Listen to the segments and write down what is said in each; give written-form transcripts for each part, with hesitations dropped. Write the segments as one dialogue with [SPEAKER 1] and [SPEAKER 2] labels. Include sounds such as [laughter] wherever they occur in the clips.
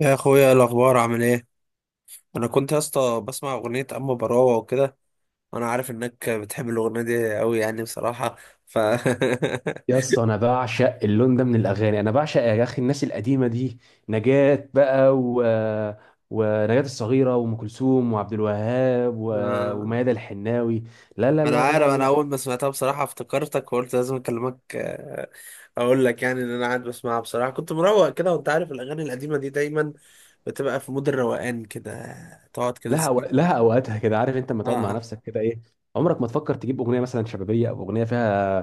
[SPEAKER 1] يا اخويا، إيه الاخبار؟ عامل ايه؟ انا كنت يا اسطى بسمع اغنيه اما براوه وكده، وانا عارف انك بتحب الاغنيه دي قوي، يعني بصراحه ف [laughs]
[SPEAKER 2] يا اسطى، انا بعشق اللون ده من الاغاني. انا بعشق يا اخي الناس القديمه دي. نجاة بقى، ونجاة الصغيره وام كلثوم وعبد الوهاب
[SPEAKER 1] آه،
[SPEAKER 2] وميادة الحناوي. لا لا
[SPEAKER 1] انا
[SPEAKER 2] لا
[SPEAKER 1] عارف،
[SPEAKER 2] لا
[SPEAKER 1] انا
[SPEAKER 2] لا.
[SPEAKER 1] اول ما سمعتها بصراحه افتكرتك وقلت لازم اكلمك. اقول لك يعني ان انا قاعد بسمعها بصراحه، كنت مروق كده، وانت عارف الاغاني القديمه دي دايما بتبقى في مود الروقان كده، تقعد كده تسمعهم.
[SPEAKER 2] لها اوقاتها كده. عارف انت لما تقعد مع
[SPEAKER 1] اه.
[SPEAKER 2] نفسك كده ايه؟ عمرك ما تفكر تجيب اغنيه مثلا شبابيه، او اغنيه فيها،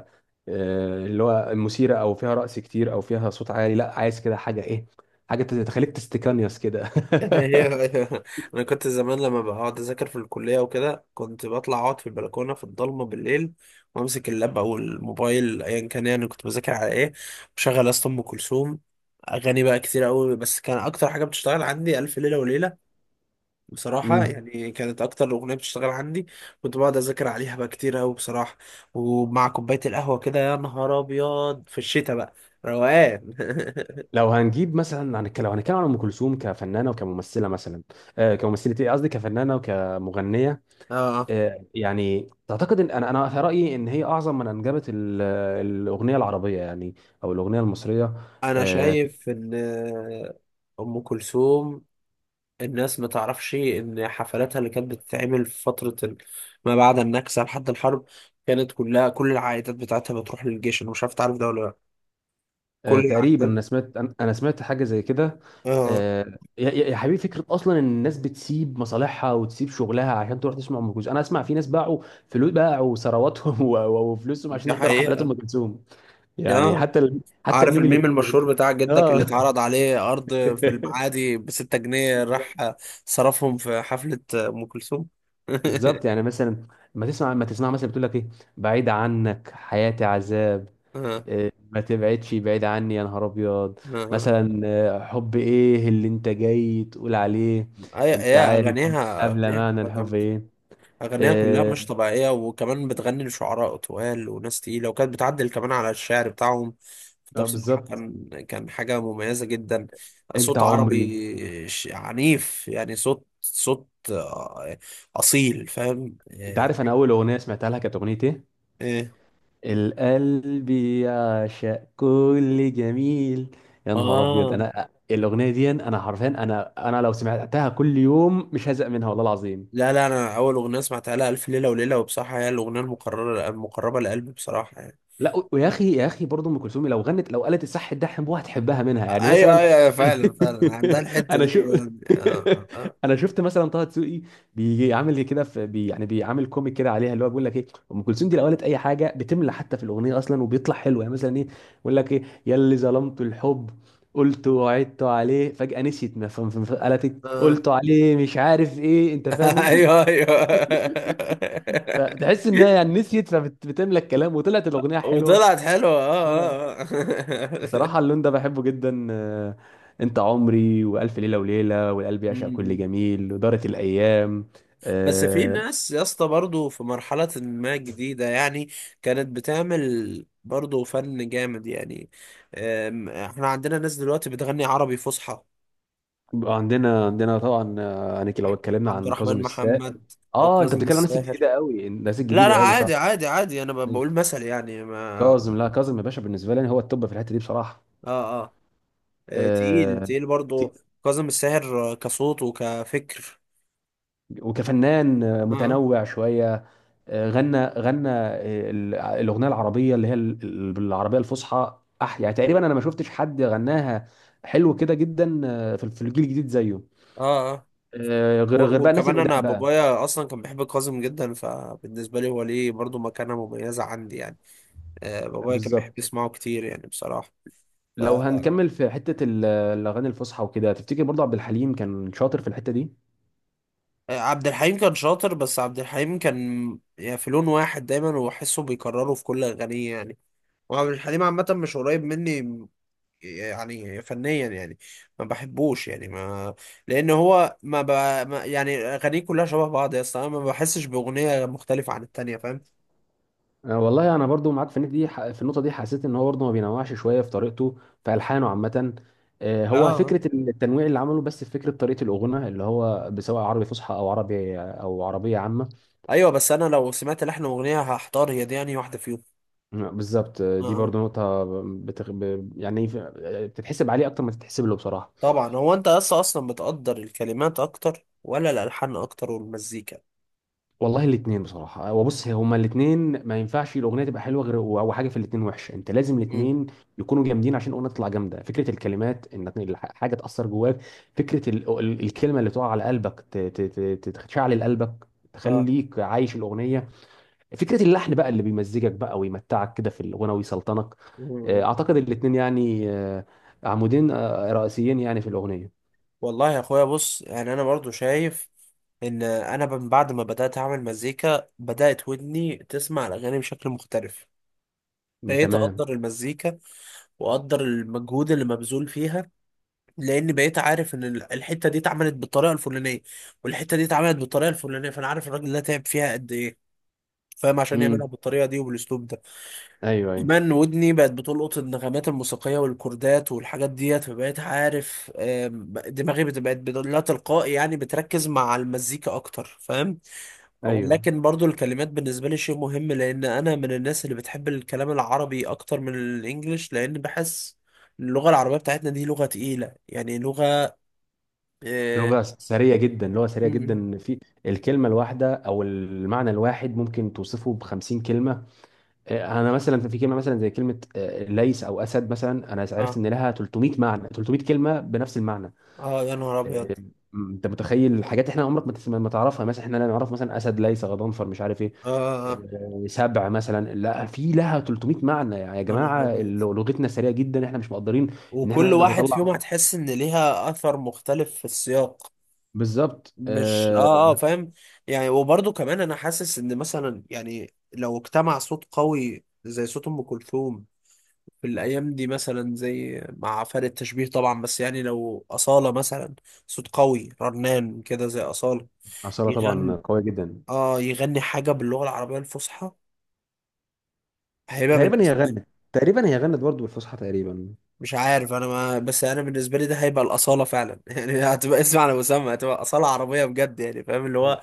[SPEAKER 2] اللي هو مثيره، او فيها رقص كتير، او فيها صوت عالي. لا، عايز كده حاجه ايه، حاجه تخليك تستكانيوس كده.
[SPEAKER 1] [laughs] هي-
[SPEAKER 2] [laughs]
[SPEAKER 1] انا كنت زمان لما بقعد اذاكر في الكليه وكده كنت بطلع اقعد في البلكونه في الضلمه بالليل، وامسك اللاب او الموبايل ايا كان، يعني كنت بذاكر على ايه، بشغل اصلا ام كلثوم. اغاني بقى كتير قوي، بس كان اكتر حاجه بتشتغل عندي الف ليله وليله. بصراحه
[SPEAKER 2] امم
[SPEAKER 1] يعني كانت اكتر اغنيه بتشتغل عندي، كنت بقعد اذاكر عليها بقى كتير قوي بصراحه، ومع كوبايه القهوه كده يا نهار ابيض في الشتاء بقى، روقان. [laughs]
[SPEAKER 2] لو هنتكلم عن ام كلثوم كفنانه وكممثله مثلا. كممثله، ايه قصدي، كفنانه وكمغنيه.
[SPEAKER 1] اه.
[SPEAKER 2] يعني تعتقد ان انا في رايي ان هي اعظم من انجبت الاغنيه العربيه، يعني، او الاغنيه المصريه.
[SPEAKER 1] انا
[SPEAKER 2] آه في-
[SPEAKER 1] شايف ان ام كلثوم الناس ما تعرفش ان حفلاتها اللي كانت بتتعمل في ما بعد النكسه لحد الحرب كانت كلها، كل العائدات بتاعتها بتروح للجيش، انا مش عارف تعرف ده ولا لا، كل
[SPEAKER 2] تقريبا،
[SPEAKER 1] العائدات.
[SPEAKER 2] انا سمعت انا أنا سمعت حاجه زي كده.
[SPEAKER 1] اه.
[SPEAKER 2] يا حبيبي، فكره اصلا ان الناس بتسيب مصالحها وتسيب شغلها عشان تروح تسمع ام كلثوم. انا اسمع في ناس باعوا فلوس، باعوا ثرواتهم [laughs] وفلوسهم عشان
[SPEAKER 1] دي
[SPEAKER 2] يحضروا حفلات ام
[SPEAKER 1] حقيقه.
[SPEAKER 2] كلثوم. يعني
[SPEAKER 1] اه.
[SPEAKER 2] حتى حتى
[SPEAKER 1] عارف
[SPEAKER 2] الميم
[SPEAKER 1] الميم
[SPEAKER 2] اللي
[SPEAKER 1] المشهور
[SPEAKER 2] بنشوفه.
[SPEAKER 1] بتاع جدك اللي
[SPEAKER 2] اه
[SPEAKER 1] اتعرض عليه ارض في
[SPEAKER 2] [laughs]
[SPEAKER 1] المعادي بـ6 جنيه؟ راح
[SPEAKER 2] بالظبط.
[SPEAKER 1] صرفهم في حفله ام كلثوم.
[SPEAKER 2] بالظبط، يعني
[SPEAKER 1] [laughs]
[SPEAKER 2] مثلا. ما تسمع مثلا، بتقول لك ايه؟ بعيد عنك حياتي عذاب،
[SPEAKER 1] اه،
[SPEAKER 2] إيه، ما تبعدش بعيد عني يا نهار ابيض،
[SPEAKER 1] اه.
[SPEAKER 2] مثلا، حب ايه اللي انت جاي تقول عليه.
[SPEAKER 1] أي-
[SPEAKER 2] انت
[SPEAKER 1] يا
[SPEAKER 2] عارف
[SPEAKER 1] اغانيها
[SPEAKER 2] قبل
[SPEAKER 1] اغانيها
[SPEAKER 2] معنى
[SPEAKER 1] بتبقى
[SPEAKER 2] الحب
[SPEAKER 1] جامدة.
[SPEAKER 2] ايه؟
[SPEAKER 1] أغنية كلها
[SPEAKER 2] اه.
[SPEAKER 1] مش طبيعية، وكمان بتغني لشعراء طوال وناس تقيلة، وكانت بتعدل كمان على الشعر بتاعهم، فده بصراحة
[SPEAKER 2] بالظبط.
[SPEAKER 1] كان، حاجة مميزة جدا.
[SPEAKER 2] انت
[SPEAKER 1] صوت
[SPEAKER 2] عمري.
[SPEAKER 1] عربي عنيف، يعني صوت أصيل، فاهم
[SPEAKER 2] انت
[SPEAKER 1] إيه؟
[SPEAKER 2] عارف انا اول اغنيه سمعتها لها كانت اغنيه ايه؟
[SPEAKER 1] إيه.
[SPEAKER 2] القلب يعشق كل جميل. يا نهار ابيض،
[SPEAKER 1] آه.
[SPEAKER 2] انا الاغنيه دي انا حرفيا، انا لو سمعتها كل يوم مش هزهق منها والله العظيم.
[SPEAKER 1] لا لا، أنا أول أغنية سمعتها لها ألف ليلة وليلة، وبصراحة هي الأغنية المقربة لقلبي بصراحة يعني.
[SPEAKER 2] لا، ويا اخي يا اخي برضه، ام كلثوم لو غنت، لو قالت الصح ده، حبوها، هتحبها منها يعني،
[SPEAKER 1] أيوه
[SPEAKER 2] مثلا.
[SPEAKER 1] أيوه أيوة، فعلا فعلا عندها
[SPEAKER 2] [laughs]
[SPEAKER 1] الحتة
[SPEAKER 2] انا
[SPEAKER 1] دي
[SPEAKER 2] شو
[SPEAKER 1] يعني. آه آه
[SPEAKER 2] [laughs] انا شفت مثلا طه دسوقي بيجي عامل كده في بي، يعني بيعمل كوميك كده عليها، اللي هو بيقول لك ايه، ام كلثوم دي لو قالت اي حاجه بتملى حتى في الاغنيه اصلا، وبيطلع حلو يعني. مثلا ايه بيقول لك ايه؟ يا اللي ظلمت الحب، قلت وعدت عليه فجأة نسيت، ما فهم قالت إيه؟
[SPEAKER 1] آه.
[SPEAKER 2] قلت عليه مش عارف ايه، انت
[SPEAKER 1] [laughs]
[SPEAKER 2] فاهم انت.
[SPEAKER 1] ايوه ايوه.
[SPEAKER 2] فتحس انها يعني نسيت، فبتملى الكلام وطلعت الاغنيه حلوه.
[SPEAKER 1] وطلعت حلوه.
[SPEAKER 2] اه.
[SPEAKER 1] اه اه آه.
[SPEAKER 2] بصراحة
[SPEAKER 1] [laughs]
[SPEAKER 2] اللون ده بحبه جدا. انت عمري، والف ليلة وليلة، والقلب
[SPEAKER 1] م-
[SPEAKER 2] يعشق كل
[SPEAKER 1] م.
[SPEAKER 2] جميل، ودارت الايام.
[SPEAKER 1] بس في
[SPEAKER 2] آه،
[SPEAKER 1] ناس يا اسطى برضه في مرحله ما جديده يعني كانت بتعمل برضه فن جامد يعني. احنا عندنا ناس دلوقتي بتغني عربي فصحى:
[SPEAKER 2] عندنا طبعا. يعني لو اتكلمنا
[SPEAKER 1] عبد
[SPEAKER 2] عن كاظم
[SPEAKER 1] الرحمن
[SPEAKER 2] الساهر.
[SPEAKER 1] محمد، او
[SPEAKER 2] اه، انت
[SPEAKER 1] كاظم
[SPEAKER 2] بتتكلم عن الناس
[SPEAKER 1] الساهر.
[SPEAKER 2] الجديدة قوي، الناس
[SPEAKER 1] لا لا،
[SPEAKER 2] الجديدة قوي، صح.
[SPEAKER 1] عادي عادي عادي، انا بقول مثل يعني ما. اه
[SPEAKER 2] كاظم، لا، كاظم يا باشا بالنسبة لي هو التوب في الحتة دي بصراحة.
[SPEAKER 1] اه. تقيل
[SPEAKER 2] آه،
[SPEAKER 1] تقيل
[SPEAKER 2] ت-
[SPEAKER 1] برضه. كاظم الساهر كصوت وكفكر.
[SPEAKER 2] وكفنان،
[SPEAKER 1] اه
[SPEAKER 2] متنوع شوية. غنى، الاغنيه العربيه اللي هي بالعربيه الفصحى، يعني تقريبا انا ما شفتش حد غناها حلو كده جدا، في الجيل الجديد زيه.
[SPEAKER 1] اه اه.
[SPEAKER 2] غير بقى الناس
[SPEAKER 1] وكمان انا
[SPEAKER 2] القدام بقى.
[SPEAKER 1] بابايا اصلا كان بيحب كاظم جدا، فبالنسبه لي هو ليه برضو مكانه مميزه عندي يعني. آه، بابايا كان بيحب
[SPEAKER 2] بالظبط.
[SPEAKER 1] يسمعه كتير يعني بصراحه. ف
[SPEAKER 2] لو
[SPEAKER 1] آه،
[SPEAKER 2] هنكمل في حته الاغاني الفصحى وكده، تفتكر برضه عبد الحليم كان شاطر في الحته دي؟
[SPEAKER 1] عبد الحليم كان شاطر، بس عبد الحليم كان يعني في لون واحد دايما وحسه بيكرره في كل اغانيه يعني. وعبد الحليم عامه مش قريب مني يعني، فنيا يعني ما بحبوش، يعني ما، لان هو ما, ب... ما يعني اغانيه كلها شبه بعض يا اسطى، انا ما بحسش باغنيه مختلفه عن التانيه، فاهم؟
[SPEAKER 2] والله انا برضو معاك في النقطه دي، حسيت ان هو برضو ما بينوعش شويه في طريقته، في الحانه عامه. هو
[SPEAKER 1] اه.
[SPEAKER 2] فكره التنويع اللي عمله، بس في فكره طريقه الاغنيه اللي هو سواء عربي فصحى او عربي او عربيه عامه.
[SPEAKER 1] ايوه، بس انا لو سمعت لحن اغنيه هحتار هي دي يعني واحده فيهم.
[SPEAKER 2] بالظبط.
[SPEAKER 1] آه.
[SPEAKER 2] دي
[SPEAKER 1] آه.
[SPEAKER 2] برضو نقطه يعني بتتحسب عليه اكتر ما تتحسب له بصراحه.
[SPEAKER 1] طبعا هو انت اصلا بتقدر الكلمات اكتر ولا الالحان اكتر والمزيكا؟
[SPEAKER 2] والله الاثنين بصراحه. وبص، هي هما الاثنين ما ينفعش الاغنيه تبقى حلوه غير، او حاجه في الاثنين وحشه. انت لازم
[SPEAKER 1] مم.
[SPEAKER 2] الاثنين يكونوا جامدين عشان الاغنيه تطلع جامده. فكره الكلمات ان حاجه تاثر جواك، فكره الكلمه اللي تقع على قلبك، تشعل قلبك،
[SPEAKER 1] اه.
[SPEAKER 2] تخليك عايش الاغنيه. فكره اللحن بقى اللي بيمزجك بقى ويمتعك كده في الاغنيه ويسلطنك.
[SPEAKER 1] مم.
[SPEAKER 2] اعتقد الاثنين يعني، عمودين رئيسيين يعني في الاغنيه.
[SPEAKER 1] والله يا اخويا، بص يعني انا برضو شايف ان انا من بعد ما بدات اعمل مزيكا بدات ودني تسمع الاغاني بشكل مختلف، بقيت
[SPEAKER 2] تمام.
[SPEAKER 1] اقدر المزيكا واقدر المجهود اللي مبذول فيها، لان بقيت عارف ان الحته دي اتعملت بالطريقه الفلانيه، والحته دي اتعملت بالطريقه الفلانيه، فانا عارف الراجل ده تعب فيها قد ايه، فاهم، عشان يعملها
[SPEAKER 2] امم
[SPEAKER 1] بالطريقه دي وبالاسلوب ده.
[SPEAKER 2] ايوه، ايوه،
[SPEAKER 1] كمان ودني بقت بتلقط النغمات الموسيقيه والكوردات والحاجات ديت، فبقيت عارف. دماغي لا تلقائي يعني بتركز مع المزيكا اكتر، فاهم؟
[SPEAKER 2] ايوه.
[SPEAKER 1] ولكن برضو الكلمات بالنسبه لي شيء مهم، لان انا من الناس اللي بتحب الكلام العربي اكتر من الانجليش، لان بحس اللغه العربيه بتاعتنا دي لغه تقيله، يعني لغه. اه.
[SPEAKER 2] لغة سريع
[SPEAKER 1] م- م.
[SPEAKER 2] جدا في الكلمة الواحدة أو المعنى الواحد ممكن توصفه بخمسين كلمة. أنا مثلا في كلمة، مثلا زي كلمة، ليس أو أسد مثلا، أنا عرفت
[SPEAKER 1] اه.
[SPEAKER 2] إن لها 300 معنى، 300 كلمة بنفس المعنى.
[SPEAKER 1] آه، يا نهار ابيض.
[SPEAKER 2] آه، أنت متخيل؟ حاجات إحنا عمرك ما تعرفها، مثلا. إحنا لا نعرف، مثلا، أسد، ليس، غضنفر، مش عارف إيه،
[SPEAKER 1] اه. آه، آه،
[SPEAKER 2] سبع مثلا، لا، في لها 300 معنى. يعني يا
[SPEAKER 1] يا نهار
[SPEAKER 2] جماعة
[SPEAKER 1] ابيض.
[SPEAKER 2] لغتنا سريعة جدا، إحنا مش مقدرين إن إحنا
[SPEAKER 1] وكل
[SPEAKER 2] نقدر
[SPEAKER 1] واحد فيهم
[SPEAKER 2] نطلع.
[SPEAKER 1] هتحس ان ليها اثر مختلف في السياق،
[SPEAKER 2] بالظبط.
[SPEAKER 1] مش فاهم يعني. وبرضه كمان انا حاسس ان مثلا، يعني لو اجتمع صوت قوي زي صوت ام كلثوم في الايام دي، مثلا زي، مع فرق التشبيه طبعا، بس يعني لو اصالة مثلا، صوت قوي رنان كده زي اصالة
[SPEAKER 2] عصارة طبعا
[SPEAKER 1] يغني،
[SPEAKER 2] قوية جدا.
[SPEAKER 1] اه يغني حاجة باللغة العربية الفصحى، هيبقى بالنسبة،
[SPEAKER 2] تقريبا هي غنت برضه بالفصحى تقريبا.
[SPEAKER 1] مش عارف انا ما، بس انا بالنسبه لي ده هيبقى الاصاله فعلا [laughs] يعني، هتبقى اسم على مسمى، هتبقى اصاله عربيه بجد يعني، فاهم، اللي هو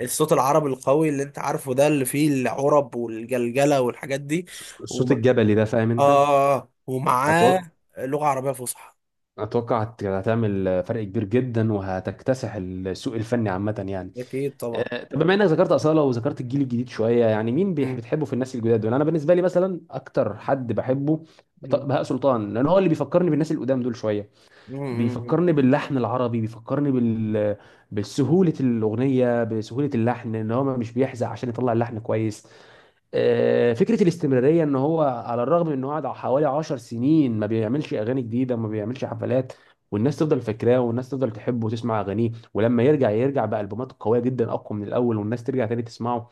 [SPEAKER 1] الصوت العربي القوي اللي انت عارفه ده، اللي فيه العرب والجلجله والحاجات دي.
[SPEAKER 2] الصوت
[SPEAKER 1] وم...
[SPEAKER 2] الجبلي ده، فاهم انت؟
[SPEAKER 1] اه، ومعاه
[SPEAKER 2] اتوقع،
[SPEAKER 1] لغه عربيه فصحى.
[SPEAKER 2] هتعمل فرق كبير جدا، وهتكتسح السوق الفني عامه يعني.
[SPEAKER 1] اكيد طبعا.
[SPEAKER 2] طب بما انك ذكرت اصاله وذكرت الجيل الجديد شويه، يعني مين
[SPEAKER 1] مم.
[SPEAKER 2] بتحبه في الناس الجداد دول؟ انا بالنسبه لي مثلا، اكتر حد بحبه،
[SPEAKER 1] مم.
[SPEAKER 2] بهاء سلطان. لان هو اللي بيفكرني بالناس القدام دول شويه.
[SPEAKER 1] مم. مم.
[SPEAKER 2] بيفكرني باللحن العربي، بيفكرني بسهولة الأغنية، بسهولة اللحن، إن هو مش بيحزق عشان يطلع اللحن كويس. فكرة الاستمرارية، إن هو على الرغم من إنه قعد حوالي عشر سنين ما بيعملش أغاني جديدة، ما بيعملش حفلات، والناس تفضل فاكراه، والناس تفضل تحبه وتسمع أغانيه. ولما يرجع يرجع بألبومات قوية جدا، أقوى من الأول، والناس ترجع تاني تسمعه.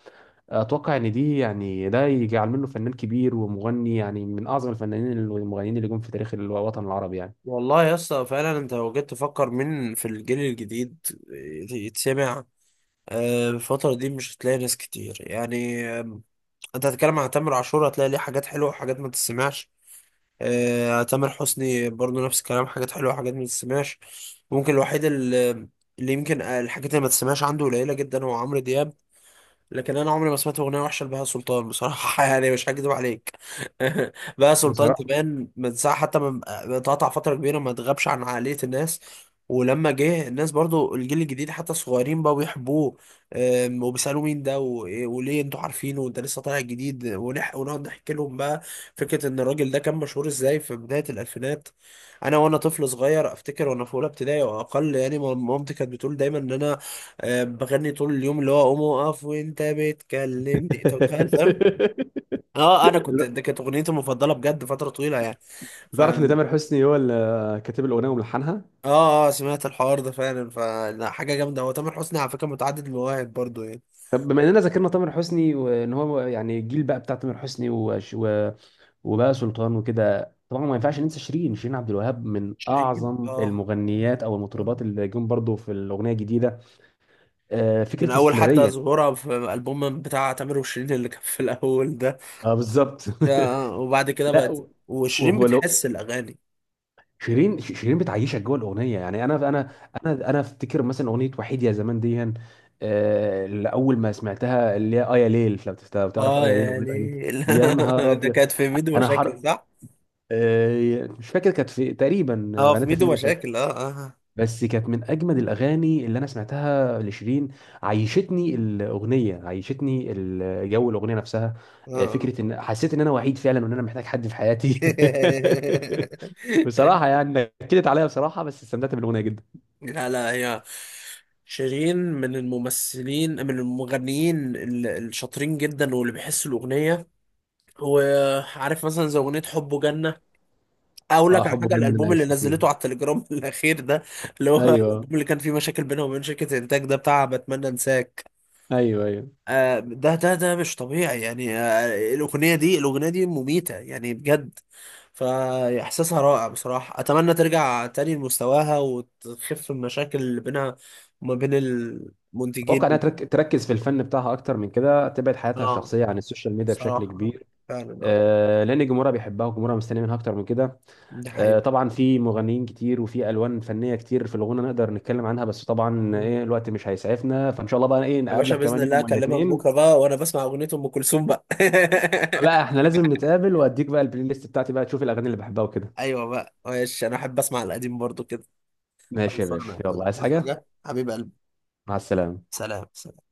[SPEAKER 2] أتوقع إن دي يعني ده يجعل منه فنان كبير ومغني، يعني من أعظم الفنانين المغنيين اللي جم في تاريخ الوطن العربي
[SPEAKER 1] والله يا اسطى فعلا انت لو جيت تفكر مين في الجيل الجديد يتسمع آه، الفترة دي، مش هتلاقي ناس كتير يعني. انت هتتكلم عن تامر عاشور، هتلاقي ليه حاجات حلوه وحاجات ما تسمعش. آه، تامر حسني برضو نفس الكلام، حاجات حلوه وحاجات ما تسمعش. ممكن الوحيد اللي يمكن الحاجات اللي ما تسمعش عنده قليله جدا هو عمرو دياب، لكن انا عمري ما سمعت اغنيه وحشه لبهاء سلطان بصراحه [laughs] يعني، مش هكذب عليك. [laughs] بهاء سلطان
[SPEAKER 2] يعني.
[SPEAKER 1] كمان من ساعه حتى ما ما اتقطع فتره كبيره، ما اتغابش عن عقليه الناس، ولما جه الناس برضو الجيل الجديد حتى الصغيرين بقوا بيحبوه، وبيسالوه مين ده وليه انتوا عارفينه وانت لسه طالع جديد، ونقعد نحكي لهم بقى فكره ان الراجل ده كان مشهور ازاي في بدايه الالفينات. انا وانا طفل صغير، افتكر وانا في اولى ابتدائي او اقل يعني، مامتي كانت بتقول دايما ان انا بغني طول اليوم، اللي هو قوم اقف وانت بتكلمني، انت متخيل، فاهم؟
[SPEAKER 2] [laughs]
[SPEAKER 1] اه، انا كنت، ده كانت اغنيتي المفضله بجد فتره طويله يعني، ف.
[SPEAKER 2] تعرف ان تامر حسني هو اللي كاتب الاغنيه وملحنها؟
[SPEAKER 1] اه اه، سمعت الحوار ده فعلا، فحاجه جامده، هو تامر حسني على فكره متعدد المواهب برضو يعني.
[SPEAKER 2] طب بما اننا ذكرنا تامر حسني، وان هو يعني الجيل بقى بتاع تامر حسني، وبقى سلطان وكده، طبعا ما ينفعش ننسى شيرين. شيرين عبد الوهاب من
[SPEAKER 1] شيرين،
[SPEAKER 2] اعظم
[SPEAKER 1] اه،
[SPEAKER 2] المغنيات او المطربات اللي جم برضو في الاغنيه الجديده.
[SPEAKER 1] من
[SPEAKER 2] فكره
[SPEAKER 1] اول حتى
[SPEAKER 2] الاستمراريه.
[SPEAKER 1] ظهورها في الالبوم بتاع تامر وشيرين اللي كان في الاول ده.
[SPEAKER 2] اه، بالظبط.
[SPEAKER 1] آه، آه، وبعد كده
[SPEAKER 2] [laughs] لا،
[SPEAKER 1] بقت، وشيرين
[SPEAKER 2] وغلو.
[SPEAKER 1] بتحس الاغاني.
[SPEAKER 2] شيرين بتعيشك جوه الاغنيه يعني. انا افتكر مثلا اغنيه وحيد يا زمان دي، اللي اول ما سمعتها، اللي هي اه يا ليل، لو تعرف اه
[SPEAKER 1] اه
[SPEAKER 2] يا ليل، اغنيه
[SPEAKER 1] يعني.
[SPEAKER 2] اه يا ليل،
[SPEAKER 1] [laughs]
[SPEAKER 2] يا نهار
[SPEAKER 1] ده
[SPEAKER 2] ابيض،
[SPEAKER 1] كانت في ميدو
[SPEAKER 2] انا حر.
[SPEAKER 1] مشاكل صح؟
[SPEAKER 2] مش فاكر كانت في تقريبا،
[SPEAKER 1] اه، في
[SPEAKER 2] غنيتها فين
[SPEAKER 1] ميدو
[SPEAKER 2] مش،
[SPEAKER 1] مشاكل، اه آه، آه.
[SPEAKER 2] بس كانت من اجمد الاغاني اللي انا سمعتها لشيرين. عيشتني الاغنيه، عيشتني جو الاغنيه نفسها.
[SPEAKER 1] اه.
[SPEAKER 2] فكره ان حسيت ان انا وحيد فعلا وان انا محتاج حد في حياتي.
[SPEAKER 1] [laughs]
[SPEAKER 2] [laughs] بصراحه يعني، نكدت عليا بصراحه، بس استمتعت بالاغنيه جدا.
[SPEAKER 1] لا لا، هي شيرين من الممثلين، من المغنيين الشاطرين جدا واللي بيحسوا الأغنية، وعارف مثلا زي أغنية حبه جنة. أقول
[SPEAKER 2] اه،
[SPEAKER 1] لك على
[SPEAKER 2] حب
[SPEAKER 1] حاجة،
[SPEAKER 2] جنة انا
[SPEAKER 1] الألبوم اللي
[SPEAKER 2] عشت فيها.
[SPEAKER 1] نزلته على التليجرام [laughs] الأخير ده، اللي هو الألبوم
[SPEAKER 2] ايوه،
[SPEAKER 1] اللي كان فيه مشاكل بينها وبين شركة الإنتاج، ده بتاع بتمنى أنساك.
[SPEAKER 2] ايوه، ايوه.
[SPEAKER 1] آه، ده مش طبيعي يعني، آه، الأغنية دي مميتة يعني بجد. فإحساسها رائع بصراحة، أتمنى ترجع تاني لمستواها وتخف المشاكل اللي بينها وما بين المنتجين.
[SPEAKER 2] اتوقع انها تركز في الفن بتاعها اكتر من كده، تبعد حياتها
[SPEAKER 1] اه،
[SPEAKER 2] الشخصيه عن السوشيال ميديا بشكل
[SPEAKER 1] بصراحة، آه،
[SPEAKER 2] كبير.
[SPEAKER 1] فعلا. اه،
[SPEAKER 2] آه، لان جمهورها بيحبها وجمهورها مستني منها اكتر من كده.
[SPEAKER 1] ده حقيقي.
[SPEAKER 2] طبعا في مغنيين كتير وفي الوان فنيه كتير في الغنى نقدر نتكلم عنها، بس طبعا
[SPEAKER 1] مم.
[SPEAKER 2] ايه الوقت مش هيسعفنا، فان شاء الله بقى ايه
[SPEAKER 1] يا باشا،
[SPEAKER 2] نقابلك
[SPEAKER 1] بإذن
[SPEAKER 2] كمان
[SPEAKER 1] الله
[SPEAKER 2] يوم ولا
[SPEAKER 1] أكلمك
[SPEAKER 2] اتنين.
[SPEAKER 1] بكرة بقى وأنا بسمع أغنية أم كلثوم بقى. [laughs]
[SPEAKER 2] لا، احنا لازم نتقابل، واديك بقى البلاي ليست بتاعتي بقى تشوف الاغاني اللي بحبها وكده.
[SPEAKER 1] أيوة بقى، ماشي، أنا أحب أسمع القديم برضو كده.
[SPEAKER 2] ماشي يا
[SPEAKER 1] خلصانة يا
[SPEAKER 2] باشا، يلا،
[SPEAKER 1] أخويا،
[SPEAKER 2] عايز
[SPEAKER 1] تدوس
[SPEAKER 2] حاجه؟
[SPEAKER 1] حاجة حبيب قلبي.
[SPEAKER 2] مع السلامه.
[SPEAKER 1] سلام.